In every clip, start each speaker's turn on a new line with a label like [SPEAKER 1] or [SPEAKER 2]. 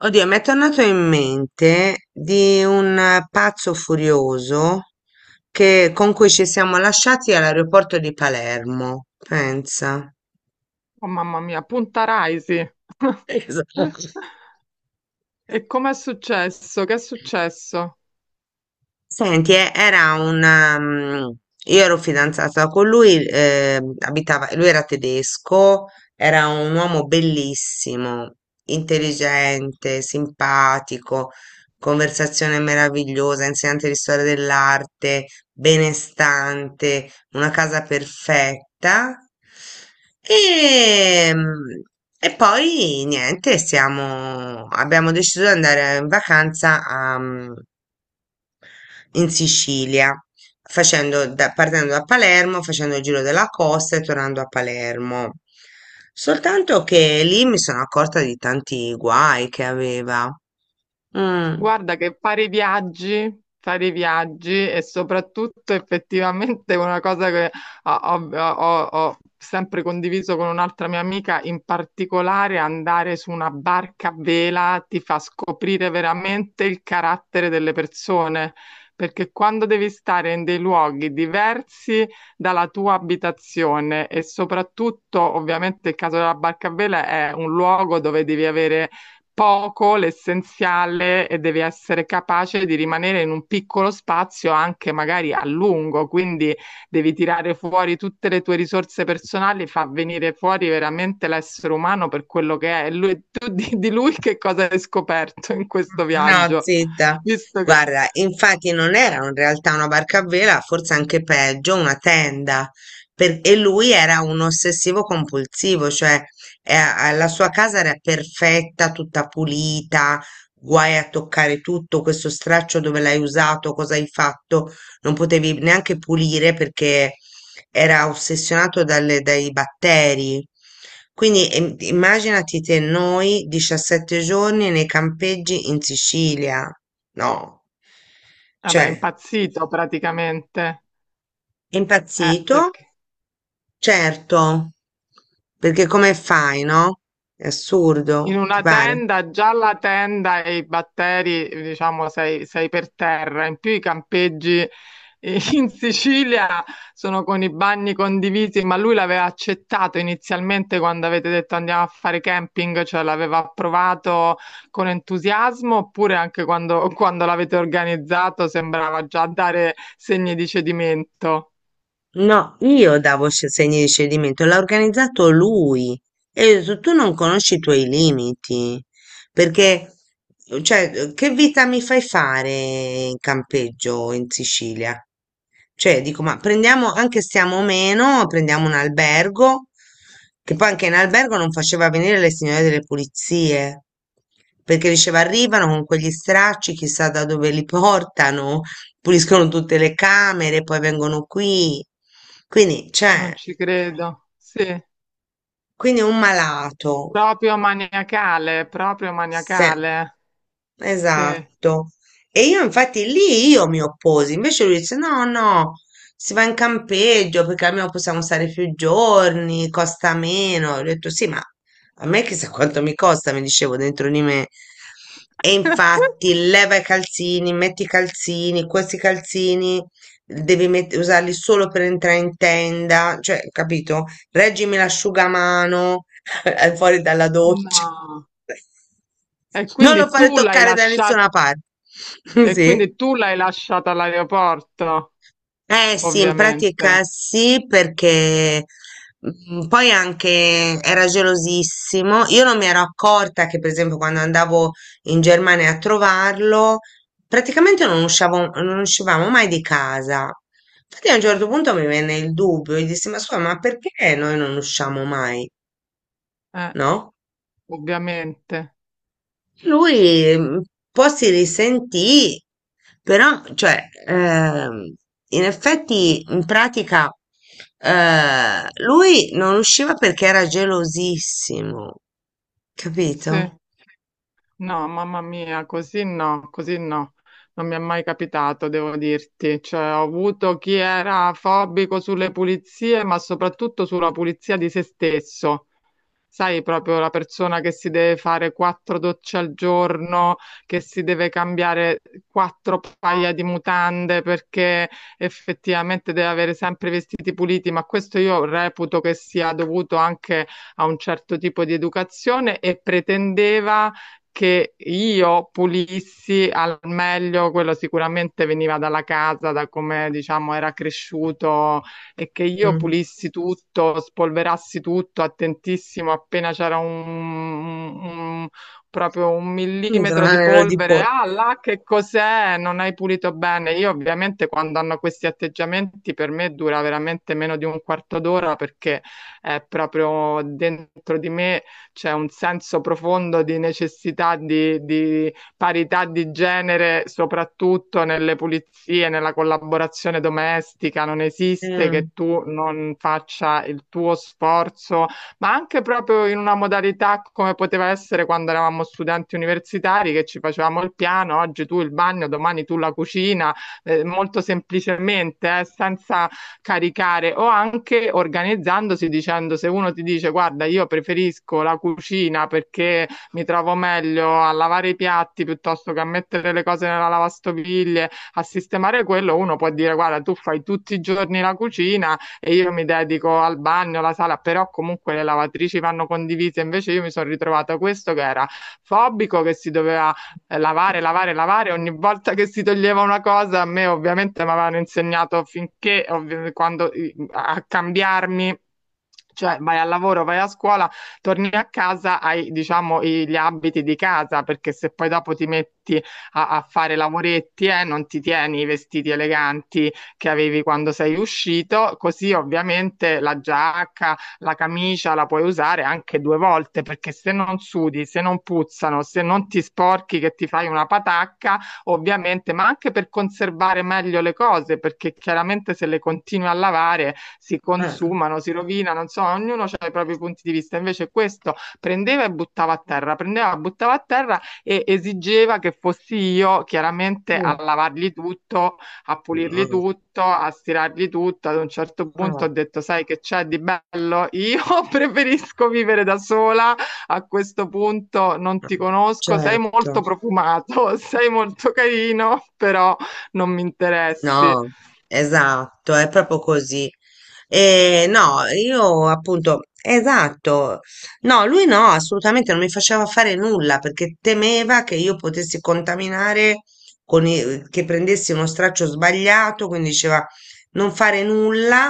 [SPEAKER 1] Oddio, mi è tornato in mente di un pazzo furioso con cui ci siamo lasciati all'aeroporto di Palermo, pensa.
[SPEAKER 2] Oh, mamma mia, Punta Raisi. Eh?
[SPEAKER 1] Esatto.
[SPEAKER 2] E com'è successo? Che è successo?
[SPEAKER 1] Senti, era un. Io ero fidanzata con lui, abitava, lui era tedesco, era un uomo bellissimo, intelligente, simpatico, conversazione meravigliosa, insegnante di storia dell'arte, benestante, una casa perfetta. E, mm, e poi niente, siamo, abbiamo deciso di andare in vacanza a, in Sicilia, partendo da Palermo, facendo il giro della costa e tornando a Palermo. Soltanto che lì mi sono accorta di tanti guai che aveva. Mm.
[SPEAKER 2] Guarda che fare i viaggi e soprattutto effettivamente una cosa che ho sempre condiviso con un'altra mia amica, in particolare andare su una barca a vela ti fa scoprire veramente il carattere delle persone, perché quando devi stare in dei luoghi diversi dalla tua abitazione e soprattutto ovviamente il caso della barca a vela è un luogo dove devi avere poco l'essenziale e devi essere capace di rimanere in un piccolo spazio anche magari a lungo, quindi devi tirare fuori tutte le tue risorse personali, fa venire fuori veramente l'essere umano per quello che è. E lui, tu di lui che cosa hai scoperto in questo
[SPEAKER 1] No,
[SPEAKER 2] viaggio?
[SPEAKER 1] zitta.
[SPEAKER 2] Visto che,
[SPEAKER 1] Guarda, infatti non era in realtà una barca a vela, forse anche peggio, una tenda. E lui era un ossessivo compulsivo, cioè la sua casa era perfetta, tutta pulita, guai a toccare tutto, questo straccio dove l'hai usato, cosa hai fatto, non potevi neanche pulire perché era ossessionato dai batteri. Quindi immaginati te noi 17 giorni nei campeggi in Sicilia. No,
[SPEAKER 2] vabbè, è
[SPEAKER 1] cioè,
[SPEAKER 2] impazzito praticamente.
[SPEAKER 1] è impazzito?
[SPEAKER 2] Perché?
[SPEAKER 1] Certo, perché come fai, no? È
[SPEAKER 2] In
[SPEAKER 1] assurdo, ti
[SPEAKER 2] una
[SPEAKER 1] pare?
[SPEAKER 2] tenda, già la tenda e i batteri, diciamo, sei, sei per terra. In più i campeggi in Sicilia sono con i bagni condivisi, ma lui l'aveva accettato inizialmente quando avete detto andiamo a fare camping, cioè l'aveva approvato con entusiasmo, oppure anche quando, quando l'avete organizzato sembrava già dare segni di cedimento.
[SPEAKER 1] No, io davo segni di cedimento, l'ha organizzato lui. E ho detto, tu non conosci i tuoi limiti, perché, cioè, che vita mi fai fare in campeggio in Sicilia? Cioè, dico, ma prendiamo, anche stiamo meno, prendiamo un albergo, che poi anche in albergo non faceva venire le signore delle pulizie, perché diceva, arrivano con quegli stracci, chissà da dove li portano, puliscono tutte le camere, poi vengono qui. Quindi, cioè,
[SPEAKER 2] Non ci credo. Sì,
[SPEAKER 1] quindi un malato.
[SPEAKER 2] proprio maniacale, proprio
[SPEAKER 1] Sì,
[SPEAKER 2] maniacale. Sì.
[SPEAKER 1] esatto. E io infatti lì io mi opposi, invece lui dice no, no, si va in campeggio perché almeno possiamo stare più giorni, costa meno. Ho detto sì, ma a me chissà quanto mi costa, mi dicevo dentro di me. E infatti leva i calzini, metti i calzini, questi calzini usarli solo per entrare in tenda, cioè, capito? Reggimi l'asciugamano, è fuori dalla doccia.
[SPEAKER 2] No. E
[SPEAKER 1] Non lo
[SPEAKER 2] quindi
[SPEAKER 1] fare
[SPEAKER 2] tu l'hai
[SPEAKER 1] toccare da nessuna
[SPEAKER 2] lasciata,
[SPEAKER 1] parte.
[SPEAKER 2] e
[SPEAKER 1] Sì.
[SPEAKER 2] quindi tu l'hai lasciata all'aeroporto,
[SPEAKER 1] Eh sì, in pratica
[SPEAKER 2] ovviamente.
[SPEAKER 1] sì, perché poi anche era gelosissimo. Io non mi ero accorta che, per esempio, quando andavo in Germania a trovarlo, praticamente non uscivamo mai di casa. Infatti a un certo punto mi venne il dubbio e dissi, ma scusa, ma perché noi non usciamo mai?
[SPEAKER 2] Eh,
[SPEAKER 1] No?
[SPEAKER 2] ovviamente. Ps-
[SPEAKER 1] Lui un po' si risentì, però, cioè, in effetti, in pratica, lui non usciva perché era gelosissimo,
[SPEAKER 2] Sì.
[SPEAKER 1] capito?
[SPEAKER 2] No, mamma mia, così no, così no. Non mi è mai capitato, devo dirti. Cioè, ho avuto chi era fobico sulle pulizie, ma soprattutto sulla pulizia di se stesso. Sai, proprio la persona che si deve fare quattro docce al giorno, che si deve cambiare quattro paia di mutande perché effettivamente deve avere sempre i vestiti puliti, ma questo io reputo che sia dovuto anche a un certo tipo di educazione e pretendeva che io pulissi al meglio, quello sicuramente veniva dalla casa, da come diciamo era cresciuto e che io
[SPEAKER 1] Mm.
[SPEAKER 2] pulissi tutto, spolverassi tutto, attentissimo, appena c'era un- proprio un
[SPEAKER 1] Un
[SPEAKER 2] millimetro di
[SPEAKER 1] granello di
[SPEAKER 2] polvere,
[SPEAKER 1] pollo.
[SPEAKER 2] ah là che cos'è? Non hai pulito bene. Io ovviamente quando hanno questi atteggiamenti per me dura veramente meno di un quarto d'ora perché è proprio dentro di me c'è un senso profondo di necessità di parità di genere, soprattutto nelle pulizie, nella collaborazione domestica, non esiste
[SPEAKER 1] Eh,
[SPEAKER 2] che tu non faccia il tuo sforzo, ma anche proprio in una modalità come poteva essere quando eravamo studenti universitari, che ci facevamo il piano, oggi tu il bagno, domani tu la cucina, molto semplicemente, senza caricare o anche organizzandosi dicendo se uno ti dice guarda io preferisco la cucina perché mi trovo meglio a lavare i piatti piuttosto che a mettere le cose nella lavastoviglie, a sistemare quello, uno può dire guarda, tu fai tutti i giorni la cucina e io mi dedico al bagno, alla sala, però comunque le lavatrici vanno condivise, invece io mi sono ritrovata questo che era fobico, che si doveva lavare, lavare, lavare. Ogni volta che si toglieva una cosa, a me ovviamente mi avevano insegnato finché, ovvi- quando, a cambiarmi cioè vai al lavoro, vai a scuola, torni a casa, hai diciamo i- gli abiti di casa, perché se poi dopo ti metti a fare lavoretti, non ti tieni i vestiti eleganti che avevi quando sei uscito, così ovviamente la giacca, la camicia la puoi usare anche due volte, perché se non sudi, se non puzzano, se non ti sporchi che ti fai una patacca, ovviamente, ma anche per conservare meglio le cose, perché chiaramente se le continui a lavare si
[SPEAKER 1] eh,
[SPEAKER 2] consumano, si rovinano, insomma, ognuno ha i propri punti di vista. Invece questo prendeva e buttava a terra, prendeva, e buttava a terra e esigeva che fossi io chiaramente a
[SPEAKER 1] eh,
[SPEAKER 2] lavargli tutto, a pulirgli
[SPEAKER 1] no,
[SPEAKER 2] tutto, a stirargli tutto. Ad un certo punto ho
[SPEAKER 1] no,
[SPEAKER 2] detto, sai che c'è di bello? Io preferisco vivere da sola, a questo punto non ti conosco, sei molto
[SPEAKER 1] certo,
[SPEAKER 2] profumato, sei molto carino, però non mi interessi.
[SPEAKER 1] no, esatto, è proprio così. No, io appunto, esatto, no, lui no, assolutamente non mi faceva fare nulla perché temeva che io potessi contaminare, che prendessi uno straccio sbagliato, quindi diceva non fare nulla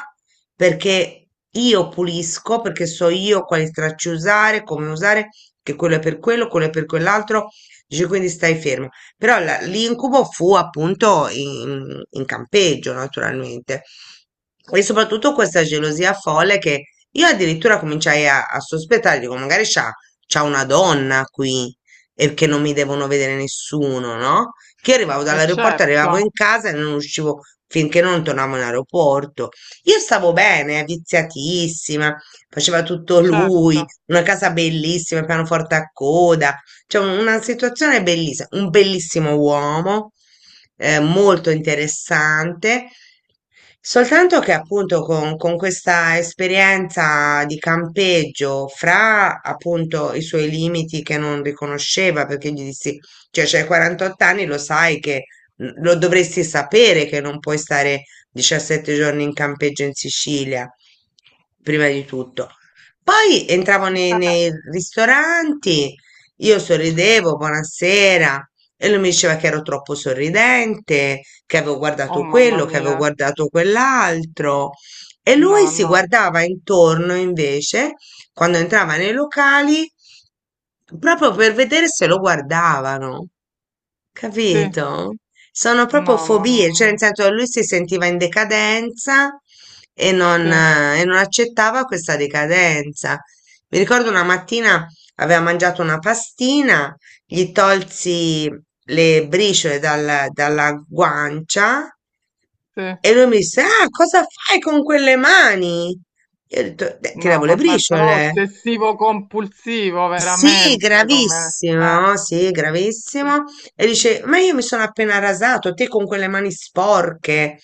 [SPEAKER 1] perché io pulisco, perché so io quali stracci usare, come usare, che quello è per quello, quello è per quell'altro, dice quindi stai fermo. Però l'incubo fu appunto in campeggio, naturalmente e soprattutto questa gelosia folle che io addirittura cominciai a sospettare, dico, magari c'ha, c'ha una donna qui e che non mi devono vedere nessuno, no? Che io arrivavo
[SPEAKER 2] Eh
[SPEAKER 1] dall'aeroporto, arrivavo
[SPEAKER 2] certo,
[SPEAKER 1] in casa e non uscivo finché non tornavo in aeroporto. Io stavo bene, viziatissima, faceva tutto lui,
[SPEAKER 2] certo.
[SPEAKER 1] una casa bellissima, pianoforte a coda, cioè una situazione bellissima, un bellissimo uomo, molto interessante. Soltanto che appunto con questa esperienza di campeggio, fra appunto i suoi limiti che non riconosceva, perché gli dissi, cioè c'hai 48 anni, lo sai che lo dovresti sapere che non puoi stare 17 giorni in campeggio in Sicilia, prima di tutto. Poi entravo nei, nei ristoranti, io sorridevo, buonasera, e lui mi diceva che ero troppo sorridente, che avevo
[SPEAKER 2] Oh
[SPEAKER 1] guardato
[SPEAKER 2] mamma
[SPEAKER 1] quello, che avevo
[SPEAKER 2] mia,
[SPEAKER 1] guardato quell'altro. E lui
[SPEAKER 2] no,
[SPEAKER 1] si
[SPEAKER 2] no,
[SPEAKER 1] guardava intorno invece, quando entrava nei locali, proprio per vedere se lo guardavano.
[SPEAKER 2] sì,
[SPEAKER 1] Capito? Sono
[SPEAKER 2] no,
[SPEAKER 1] proprio
[SPEAKER 2] mamma
[SPEAKER 1] fobie, cioè nel
[SPEAKER 2] mia,
[SPEAKER 1] senso lui si sentiva in decadenza
[SPEAKER 2] sì,
[SPEAKER 1] e non accettava questa decadenza. Mi ricordo una mattina aveva mangiato una pastina, gli tolsi le briciole dalla guancia
[SPEAKER 2] sì,
[SPEAKER 1] e lui mi disse, ah, cosa fai con quelle mani? Io ho detto, "Beh, tiravo
[SPEAKER 2] no,
[SPEAKER 1] le
[SPEAKER 2] vabbè, però
[SPEAKER 1] briciole."
[SPEAKER 2] ossessivo compulsivo
[SPEAKER 1] Sì,
[SPEAKER 2] veramente come...
[SPEAKER 1] gravissimo, sì,
[SPEAKER 2] sì,
[SPEAKER 1] gravissimo. E dice, ma io mi sono appena rasato, te con quelle mani sporche,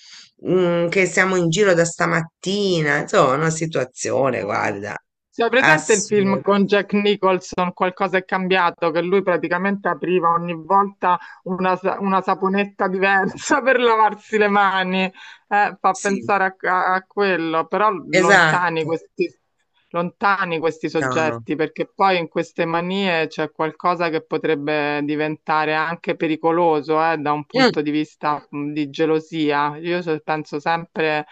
[SPEAKER 1] che siamo in giro da stamattina. Insomma, una situazione,
[SPEAKER 2] no.
[SPEAKER 1] guarda,
[SPEAKER 2] Sì, hai presente il film
[SPEAKER 1] assurda.
[SPEAKER 2] con Jack Nicholson, Qualcosa è cambiato, che lui praticamente apriva ogni volta una, una saponetta diversa per lavarsi le mani. Fa
[SPEAKER 1] Sì,
[SPEAKER 2] pensare a quello, però
[SPEAKER 1] esatto.
[SPEAKER 2] lontani questi
[SPEAKER 1] No, no.
[SPEAKER 2] soggetti, perché poi in queste manie c'è qualcosa che potrebbe diventare anche pericoloso, da un
[SPEAKER 1] Mm,
[SPEAKER 2] punto di vista di gelosia. Io penso sempre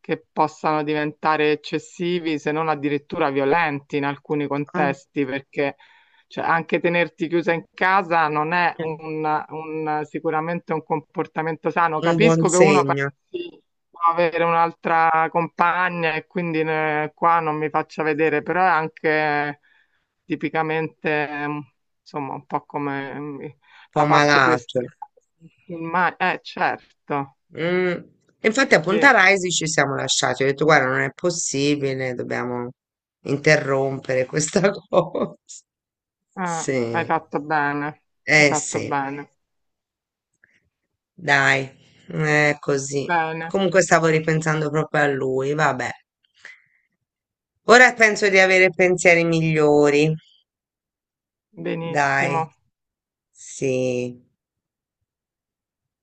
[SPEAKER 2] che possano diventare eccessivi, se non addirittura violenti in alcuni
[SPEAKER 1] mm,
[SPEAKER 2] contesti, perché cioè, anche tenerti chiusa in casa non è
[SPEAKER 1] mm,
[SPEAKER 2] sicuramente un comportamento sano.
[SPEAKER 1] un buon
[SPEAKER 2] Capisco che uno
[SPEAKER 1] segno, un
[SPEAKER 2] pensi di avere un'altra compagna e quindi qua non mi faccia vedere, però è anche tipicamente, insomma, un po' come
[SPEAKER 1] po'
[SPEAKER 2] la parte più
[SPEAKER 1] malato.
[SPEAKER 2] estrema. Certo.
[SPEAKER 1] Mm.
[SPEAKER 2] Eh
[SPEAKER 1] Infatti a Punta
[SPEAKER 2] sì.
[SPEAKER 1] Raisi ci siamo lasciati. Ho detto, guarda, non è possibile, dobbiamo interrompere questa cosa.
[SPEAKER 2] Ah,
[SPEAKER 1] Sì,
[SPEAKER 2] hai
[SPEAKER 1] eh
[SPEAKER 2] fatto
[SPEAKER 1] sì,
[SPEAKER 2] bene,
[SPEAKER 1] dai, è così.
[SPEAKER 2] bene,
[SPEAKER 1] Comunque stavo ripensando proprio a lui, vabbè. Ora penso di avere pensieri migliori, dai,
[SPEAKER 2] benissimo.
[SPEAKER 1] sì.